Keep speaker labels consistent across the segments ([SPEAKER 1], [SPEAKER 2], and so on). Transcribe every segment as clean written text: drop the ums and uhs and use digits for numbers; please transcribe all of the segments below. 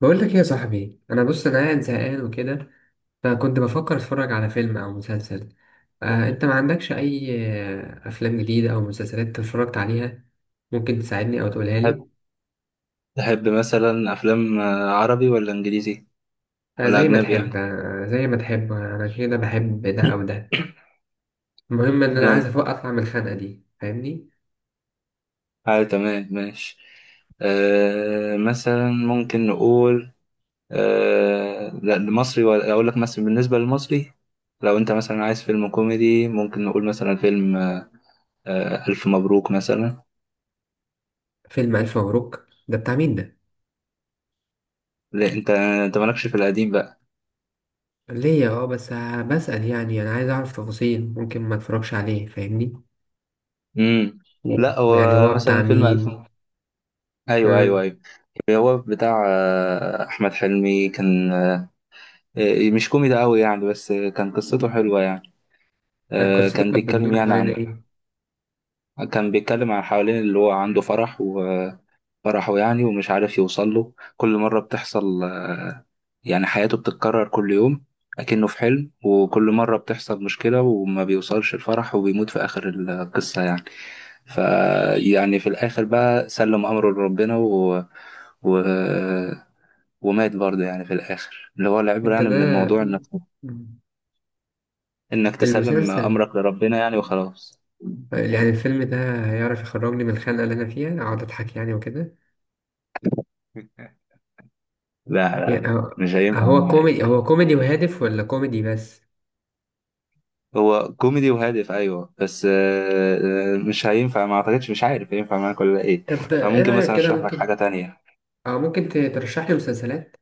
[SPEAKER 1] بقول لك ايه يا صاحبي، انا بص انا قاعد زهقان وكده. فكنت بفكر اتفرج على فيلم او مسلسل. انت ما عندكش اي افلام جديده او مسلسلات أنت اتفرجت عليها؟ ممكن تساعدني او تقولها
[SPEAKER 2] هت-
[SPEAKER 1] لي؟
[SPEAKER 2] تحب مثلا أفلام عربي ولا إنجليزي ولا
[SPEAKER 1] زي ما
[SPEAKER 2] أجنبي يعني؟
[SPEAKER 1] تحب، زي ما تحب، انا كده بحب ده او ده. المهم ان انا عايز
[SPEAKER 2] تمام.
[SPEAKER 1] اطلع من الخنقه دي، فاهمني.
[SPEAKER 2] تمام، ماشي. مثلا ممكن نقول لا، المصري. ولا أقول لك مثلا، بالنسبة للمصري لو أنت مثلا عايز فيلم كوميدي، ممكن نقول مثلا فيلم ألف مبروك مثلا.
[SPEAKER 1] فيلم الف مبروك ده بتاع مين ده؟
[SPEAKER 2] لا، أنت مالكش في القديم بقى.
[SPEAKER 1] ليا اه، بس بسأل يعني، انا عايز اعرف تفاصيل، ممكن ما اتفرجش عليه، فاهمني.
[SPEAKER 2] مم. لا، هو
[SPEAKER 1] ويعني هو
[SPEAKER 2] مثلا
[SPEAKER 1] بتاع
[SPEAKER 2] فيلم ألف
[SPEAKER 1] مين؟
[SPEAKER 2] مبروك. أيوه، أيوه،
[SPEAKER 1] آه.
[SPEAKER 2] أيوه. هو بتاع أحمد حلمي كان. مش كوميدي قوي يعني، بس كان قصته حلوة يعني.
[SPEAKER 1] لا، قصته
[SPEAKER 2] كان
[SPEAKER 1] كانت
[SPEAKER 2] بيتكلم
[SPEAKER 1] بتدور
[SPEAKER 2] يعني
[SPEAKER 1] حوالين
[SPEAKER 2] عن...
[SPEAKER 1] ايه؟
[SPEAKER 2] كان بيتكلم عن، حوالين اللي هو عنده فرح وفرحه يعني، ومش عارف يوصل له. كل مرة بتحصل يعني حياته بتتكرر كل يوم، أكنه في حلم، وكل مرة بتحصل مشكلة وما بيوصلش الفرح، وبيموت في آخر القصة يعني. فيعني في الآخر بقى، سلم أمره لربنا و... ومات برضه يعني، في الآخر اللي هو العبرة
[SPEAKER 1] انت
[SPEAKER 2] يعني من
[SPEAKER 1] ده
[SPEAKER 2] الموضوع نفسه. انك تسلم
[SPEAKER 1] المسلسل،
[SPEAKER 2] امرك لربنا يعني، وخلاص.
[SPEAKER 1] يعني الفيلم ده هيعرف يخرجني من الخنقة اللي انا فيها، اقعد اضحك يعني وكده؟
[SPEAKER 2] لا، لا،
[SPEAKER 1] يعني
[SPEAKER 2] لا،
[SPEAKER 1] هو،
[SPEAKER 2] مش هينفع
[SPEAKER 1] هو
[SPEAKER 2] معايا.
[SPEAKER 1] كوميدي، هو كوميدي وهادف ولا كوميدي بس؟
[SPEAKER 2] هو كوميدي وهادف، ايوه، بس مش هينفع، ما اعتقدش، مش عارف هينفع معاك ولا ايه.
[SPEAKER 1] طب ايه
[SPEAKER 2] فممكن
[SPEAKER 1] رأيك
[SPEAKER 2] مثلا
[SPEAKER 1] كده،
[SPEAKER 2] اشرح لك
[SPEAKER 1] ممكن؟
[SPEAKER 2] حاجه تانية.
[SPEAKER 1] اه ممكن ترشح لي مسلسلات؟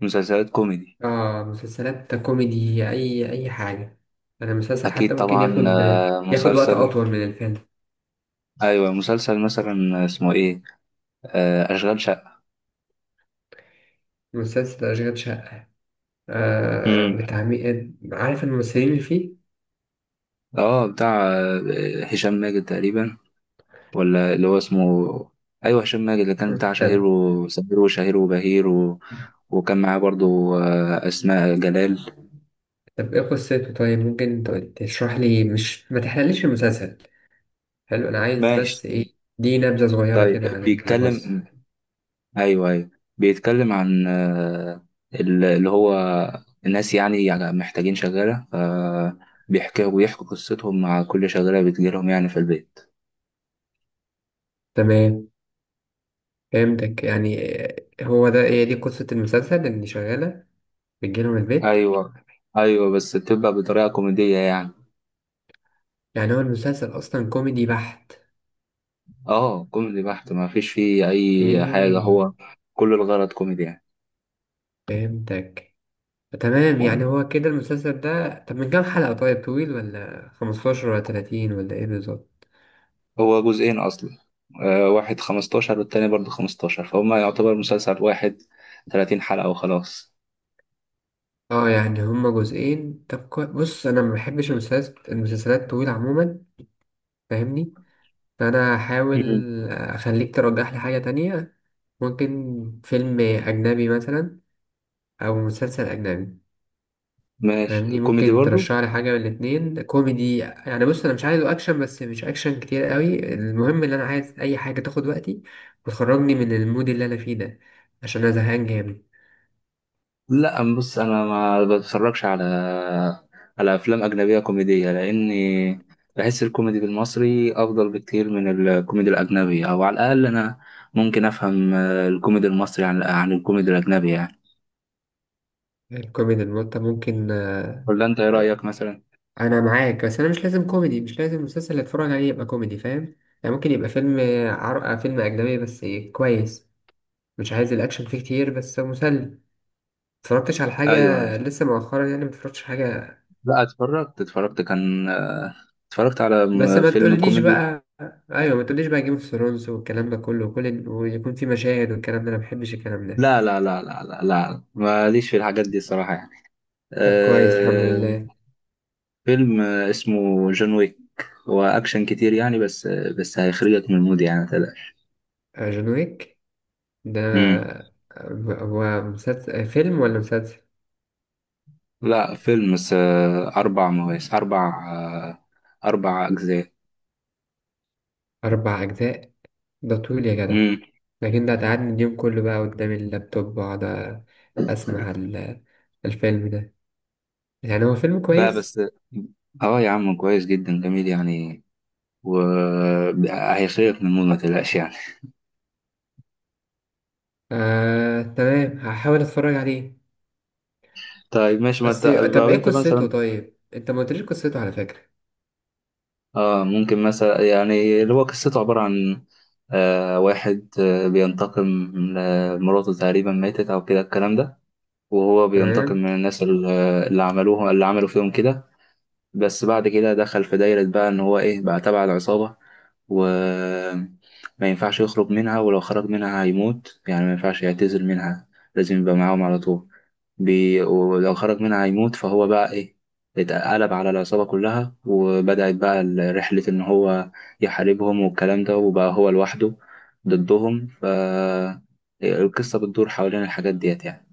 [SPEAKER 2] مسلسلات كوميدي.
[SPEAKER 1] اه مسلسلات كوميدي، اي اي حاجة، انا المسلسل
[SPEAKER 2] اكيد
[SPEAKER 1] حتى ممكن
[SPEAKER 2] طبعا.
[SPEAKER 1] ياخد، ياخد وقت
[SPEAKER 2] مسلسل...
[SPEAKER 1] اطول من الفيلم.
[SPEAKER 2] ايوه، مسلسل مثلا اسمه ايه؟ اشغال شقه.
[SPEAKER 1] مسلسل اشغال شقة، آه
[SPEAKER 2] امم
[SPEAKER 1] بتاع مين؟ عارف الممثلين اللي فيه؟
[SPEAKER 2] اه، بتاع هشام ماجد تقريبا. ولا اللي هو اسمه... ايوه، هشام ماجد، اللي كان بتاع شهير
[SPEAKER 1] طب
[SPEAKER 2] وسمير وشهير وبهير و... وكان معاه برضو اسماء جلال.
[SPEAKER 1] طب ايه قصته؟ طيب ممكن تشرح لي، مش ما تحرقليش المسلسل. حلو، انا عايز
[SPEAKER 2] ماشي،
[SPEAKER 1] بس ايه، دي نبذة صغيرة
[SPEAKER 2] طيب.
[SPEAKER 1] كده عن الجزء.
[SPEAKER 2] بيتكلم... ايوه، ايوه. بيتكلم عن اللي هو الناس، يعني محتاجين شغاله، فبيحكوا قصتهم مع كل شغاله بتجيلهم يعني في البيت.
[SPEAKER 1] تمام، فهمتك يعني. هو ده، هي دي قصة المسلسل، اللي شغالة بتجيلهم البيت؟
[SPEAKER 2] ايوه، ايوه، بس بتبقى بطريقه كوميديه يعني.
[SPEAKER 1] يعني هو المسلسل اصلا كوميدي بحت؟
[SPEAKER 2] اه، كوميدي بحت، ما فيش فيه اي حاجه.
[SPEAKER 1] اوكي،
[SPEAKER 2] هو كل الغرض كوميدي يعني.
[SPEAKER 1] فهمتك. تمام، يعني هو كده المسلسل ده؟ طب من كام حلقة؟ طيب طويل ولا 15 ولا 30 ولا ايه بالظبط؟
[SPEAKER 2] هو جزئين أصلا، واحد 15 والتاني برضه 15، فهما يعتبر مسلسل واحد، 30 حلقة وخلاص.
[SPEAKER 1] اه يعني هما جزئين. طب بص انا ما بحبش المسلسلات، الطويله عموما، فاهمني. فانا هحاول
[SPEAKER 2] مم.
[SPEAKER 1] اخليك ترجح لي حاجة تانية. ممكن فيلم اجنبي مثلا او مسلسل اجنبي،
[SPEAKER 2] ماشي،
[SPEAKER 1] فاهمني؟
[SPEAKER 2] كوميدي
[SPEAKER 1] ممكن
[SPEAKER 2] برضه.
[SPEAKER 1] ترشح لي حاجة من الاتنين كوميدي؟ يعني بص انا مش عايزه اكشن، بس مش اكشن كتير قوي. المهم ان انا عايز اي حاجة تاخد وقتي وتخرجني من المود اللي انا فيه ده، عشان انا زهقان جامد.
[SPEAKER 2] لا، بص أنا ما بتفرجش على أفلام أجنبية كوميدية، لأني بحس الكوميدي بالمصري أفضل بكتير من الكوميدي الأجنبي. أو على الأقل أنا ممكن أفهم الكوميدي المصري عن الكوميدي الأجنبي يعني.
[SPEAKER 1] الكوميدي انت ممكن.
[SPEAKER 2] ولا أنت إيه رأيك مثلا؟
[SPEAKER 1] انا معاك، بس انا مش لازم كوميدي، مش لازم المسلسل اللي اتفرج عليه يبقى كوميدي، فاهم؟ يعني ممكن يبقى فيلم، عرق فيلم اجنبي بس كويس، مش عايز الاكشن فيه كتير بس مسلي. متفرجتش على حاجة
[SPEAKER 2] أيوه.
[SPEAKER 1] لسه مؤخرا؟ يعني متفرجتش حاجة؟
[SPEAKER 2] لا، اتفرجت. كان اتفرجت على
[SPEAKER 1] بس ما
[SPEAKER 2] فيلم
[SPEAKER 1] تقوليش
[SPEAKER 2] كوميدي.
[SPEAKER 1] بقى، ايوه ما تقوليش بقى جيم اوف ثرونز والكلام ده كله، وكل ويكون في مشاهد والكلام ده، انا ما بحبش الكلام ده.
[SPEAKER 2] لا، لا، لا، لا، لا، لا، ماليش في الحاجات دي الصراحة يعني.
[SPEAKER 1] طب كويس، الحمد
[SPEAKER 2] أه.
[SPEAKER 1] لله.
[SPEAKER 2] فيلم اسمه جون ويك. هو أكشن كتير يعني، بس هيخرجك من المود يعني، متقلقش.
[SPEAKER 1] جون ويك ده،
[SPEAKER 2] مم.
[SPEAKER 1] هو مسلسل فيلم ولا مسلسل؟
[SPEAKER 2] لا، فيلم، بس أربع مواسم، أربع أجزاء.
[SPEAKER 1] 4 اجزاء؟ ده طويل يا جدع.
[SPEAKER 2] مم.
[SPEAKER 1] لكن ده هتقعدني اليوم كله بقى قدام اللابتوب واقعد اسمع الفيلم ده. يعني هو فيلم
[SPEAKER 2] بقى
[SPEAKER 1] كويس؟
[SPEAKER 2] بس... اه يا عم، كويس جدا، جميل يعني. وهيخرجك من المود، ما تقلقش يعني.
[SPEAKER 1] تمام، هحاول اتفرج عليه.
[SPEAKER 2] طيب، ماشي. ما انت
[SPEAKER 1] بس طب
[SPEAKER 2] لو
[SPEAKER 1] ايه
[SPEAKER 2] انت
[SPEAKER 1] قصته؟
[SPEAKER 2] مثلا...
[SPEAKER 1] طيب انت ما قلتليش قصته على فكرة.
[SPEAKER 2] ممكن مثلا، يعني اللي هو قصته عبارة عن واحد بينتقم لمراته، تقريبا ماتت أو كده الكلام ده، وهو بينتقم
[SPEAKER 1] تمام،
[SPEAKER 2] من الناس اللي... عملوه، اللي عملوا فيهم كده. بس بعد كده دخل في دايرة بقى، إن هو إيه بقى، تبع العصابة، و ما ينفعش يخرج منها، ولو خرج منها هيموت يعني، ما ينفعش يعتزل منها، لازم يبقى معاهم على طول. ولو خرج منها هيموت، فهو بقى إيه، اتقلب على العصابة كلها، وبدأت بقى رحلة إن هو يحاربهم والكلام ده، وبقى هو لوحده ضدهم. ف القصة بتدور حوالين الحاجات ديت يعني.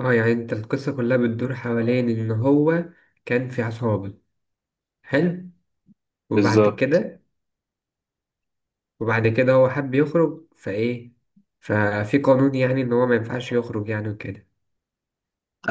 [SPEAKER 1] اه يعني انت القصة كلها بتدور حوالين ان هو كان في عصابة. حلو. وبعد
[SPEAKER 2] بالظبط.
[SPEAKER 1] كده، وبعد كده هو حب يخرج فايه، ففي قانون يعني ان هو ما ينفعش يخرج يعني وكده.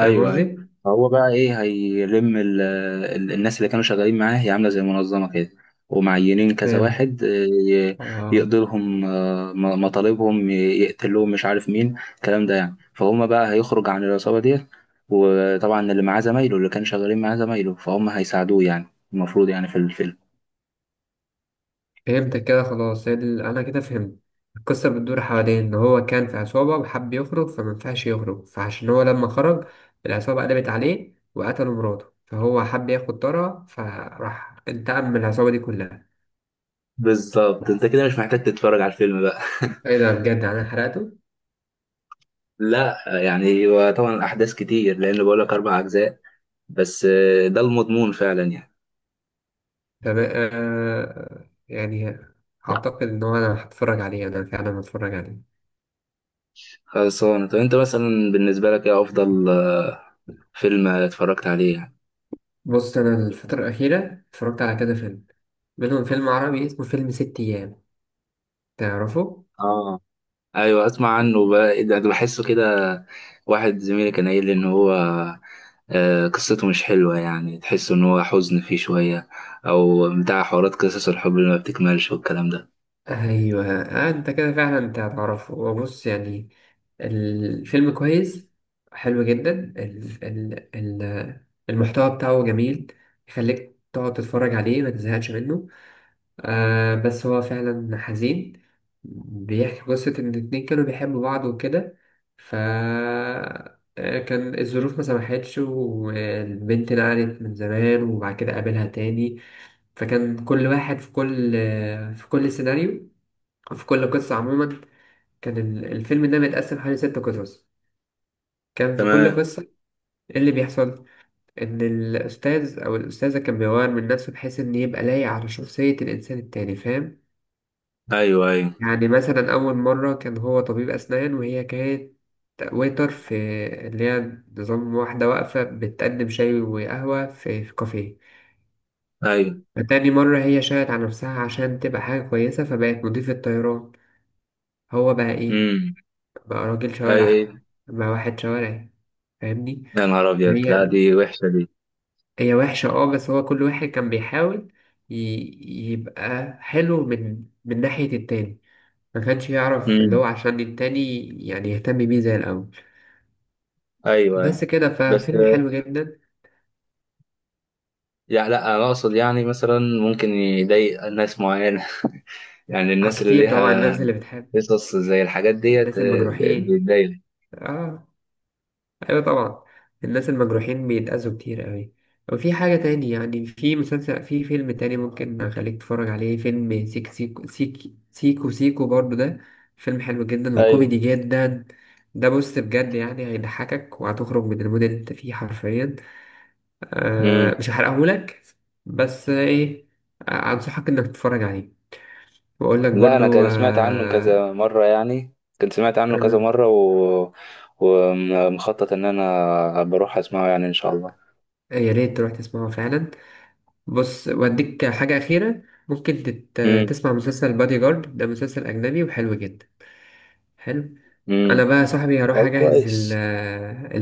[SPEAKER 1] فاهم
[SPEAKER 2] ايوه،
[SPEAKER 1] قصدي؟
[SPEAKER 2] هو بقى ايه، هيلم ال ال الناس اللي كانوا شغالين معاه. هي عامله زي منظمه كده، ومعينين كذا
[SPEAKER 1] فهمت.
[SPEAKER 2] واحد ي-
[SPEAKER 1] اه،
[SPEAKER 2] يقضي لهم مطالبهم، يقتل لهم، مش عارف مين، الكلام ده يعني. فهم بقى هيخرج عن العصابه ديت، وطبعا اللي معاه زمايله، اللي كانوا شغالين معاه زمايله، فهم هيساعدوه يعني، المفروض، يعني في الفيلم.
[SPEAKER 1] فهمتك كده خلاص. هي انا كده فهمت، القصه بتدور حوالين ان هو كان في عصابه وحب يخرج، فما ينفعش يخرج، فعشان هو لما خرج، العصابه قلبت عليه وقتلوا مراته، فهو حب ياخد طارها فراح انتقم من العصابه دي كلها.
[SPEAKER 2] بالظبط، انت كده مش محتاج تتفرج على الفيلم بقى.
[SPEAKER 1] ايه ده، بجد انا حرقته!
[SPEAKER 2] لا، يعني هو طبعا احداث كتير، لان بقول لك اربع اجزاء، بس ده المضمون فعلا يعني.
[SPEAKER 1] طب آه يعني، اعتقد ان هو، انا هتفرج عليه، انا فعلا هتفرج عليه.
[SPEAKER 2] خلصانة. طب انت مثلا بالنسبة لك ايه افضل فيلم اتفرجت عليه يعني؟
[SPEAKER 1] بص انا الفتره الاخيره اتفرجت على كذا فيلم، منهم فيلم عربي اسمه فيلم ست ايام، تعرفه؟
[SPEAKER 2] اه، ايوه، اسمع عنه بقى. إيه ده، ده بحسه كده. واحد زميلي كان قايل لي ان هو قصته مش حلوة يعني، تحس ان هو حزن فيه شوية، او بتاع حوارات قصص الحب اللي ما بتكملش والكلام ده.
[SPEAKER 1] ايوه، آه انت كده فعلا انت هتعرفه. هو بص يعني، الفيلم كويس، حلو جدا. ال ال ال المحتوى بتاعه جميل، يخليك تقعد تتفرج عليه ما تزهقش منه. آه بس هو فعلا حزين، بيحكي قصة إن الاتنين كانوا بيحبوا بعض وكده، ف كان الظروف ما سمحتش، والبنت نقلت من زمان، وبعد كده قابلها تاني. فكان كل واحد في كل، في كل سيناريو، في كل قصة عموما، كان الفيلم ده متقسم حوالي 6 قصص. كان في كل
[SPEAKER 2] تمام.
[SPEAKER 1] قصة إيه اللي بيحصل، إن الأستاذ أو الأستاذة كان بيغير من نفسه بحيث إن يبقى لايق على شخصية الإنسان التاني، فاهم؟
[SPEAKER 2] ايوه، ايوه،
[SPEAKER 1] يعني مثلا أول مرة كان هو طبيب أسنان، وهي كانت ويتر في، اللي هي نظام واحدة واقفة بتقدم شاي وقهوة في في كافيه.
[SPEAKER 2] ايوه.
[SPEAKER 1] فتاني مرة هي شاهدت على نفسها عشان تبقى حاجة كويسة فبقت مضيفة طيران. هو بقى إيه،
[SPEAKER 2] امم.
[SPEAKER 1] بقى راجل
[SPEAKER 2] ايوه، ايوه.
[SPEAKER 1] شوارع، بقى واحد شوارعي، فاهمني.
[SPEAKER 2] يا نهار ابيض،
[SPEAKER 1] هي
[SPEAKER 2] لا دي وحشة دي.
[SPEAKER 1] هي وحشة اه، بس هو كل واحد كان بيحاول ي- يبقى حلو من، من ناحية التاني، ما كانش يعرف اللي هو
[SPEAKER 2] امم.
[SPEAKER 1] عشان التاني يعني يهتم بيه زي الأول.
[SPEAKER 2] ايوه، ايوه،
[SPEAKER 1] بس كده،
[SPEAKER 2] بس
[SPEAKER 1] فالفيلم حلو جدا.
[SPEAKER 2] يعني لا، انا اقصد يعني مثلا ممكن يضايق ناس معينة، يعني
[SPEAKER 1] اه
[SPEAKER 2] الناس اللي
[SPEAKER 1] كتير طبعا
[SPEAKER 2] ليها
[SPEAKER 1] الناس اللي بتحب،
[SPEAKER 2] قصص زي الحاجات ديت
[SPEAKER 1] الناس المجروحين،
[SPEAKER 2] بتضايق.
[SPEAKER 1] اه، ايوه طبعا، الناس المجروحين بيتأذوا كتير قوي. وفي حاجة تاني يعني، في مسلسل في فيلم تاني ممكن اخليك تتفرج عليه، فيلم سيك سيكو سيك سيكو سيكو برضو ده، فيلم حلو جدا
[SPEAKER 2] ايوه.
[SPEAKER 1] وكوميدي جدا. ده بص بجد يعني هيضحكك وهتخرج من المود اللي انت فيه حرفيا. آه
[SPEAKER 2] امم.
[SPEAKER 1] مش هحرقهولك، بس ايه، انصحك انك تتفرج عليه. واقول لك
[SPEAKER 2] لا، انا
[SPEAKER 1] برضو
[SPEAKER 2] كان سمعت عنه
[SPEAKER 1] آه،
[SPEAKER 2] كذا مره يعني، كنت سمعت عنه كذا
[SPEAKER 1] آه،
[SPEAKER 2] مره و... ومخطط ان انا بروح اسمعه يعني ان شاء الله.
[SPEAKER 1] يا ريت تروح تسمعه فعلا. بص وأديك حاجة أخيرة، ممكن
[SPEAKER 2] امم.
[SPEAKER 1] تسمع مسلسل بادي جارد، ده مسلسل أجنبي وحلو جدا، حلو. أنا
[SPEAKER 2] امم.
[SPEAKER 1] بقى يا صاحبي هروح
[SPEAKER 2] طب
[SPEAKER 1] أجهز
[SPEAKER 2] كويس.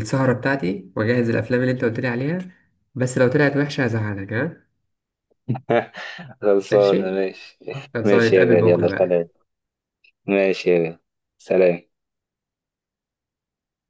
[SPEAKER 1] السهرة بتاعتي، وأجهز الأفلام اللي أنت قلت لي عليها. بس لو طلعت وحشة هزعلك، ها؟
[SPEAKER 2] خلصانه،
[SPEAKER 1] ماشي؟
[SPEAKER 2] ماشي.
[SPEAKER 1] هتظبط
[SPEAKER 2] ماشي يا
[SPEAKER 1] نتقابل
[SPEAKER 2] غالي، يلا
[SPEAKER 1] بكرة بقى.
[SPEAKER 2] سلام. ماشي يا غالي، سلام.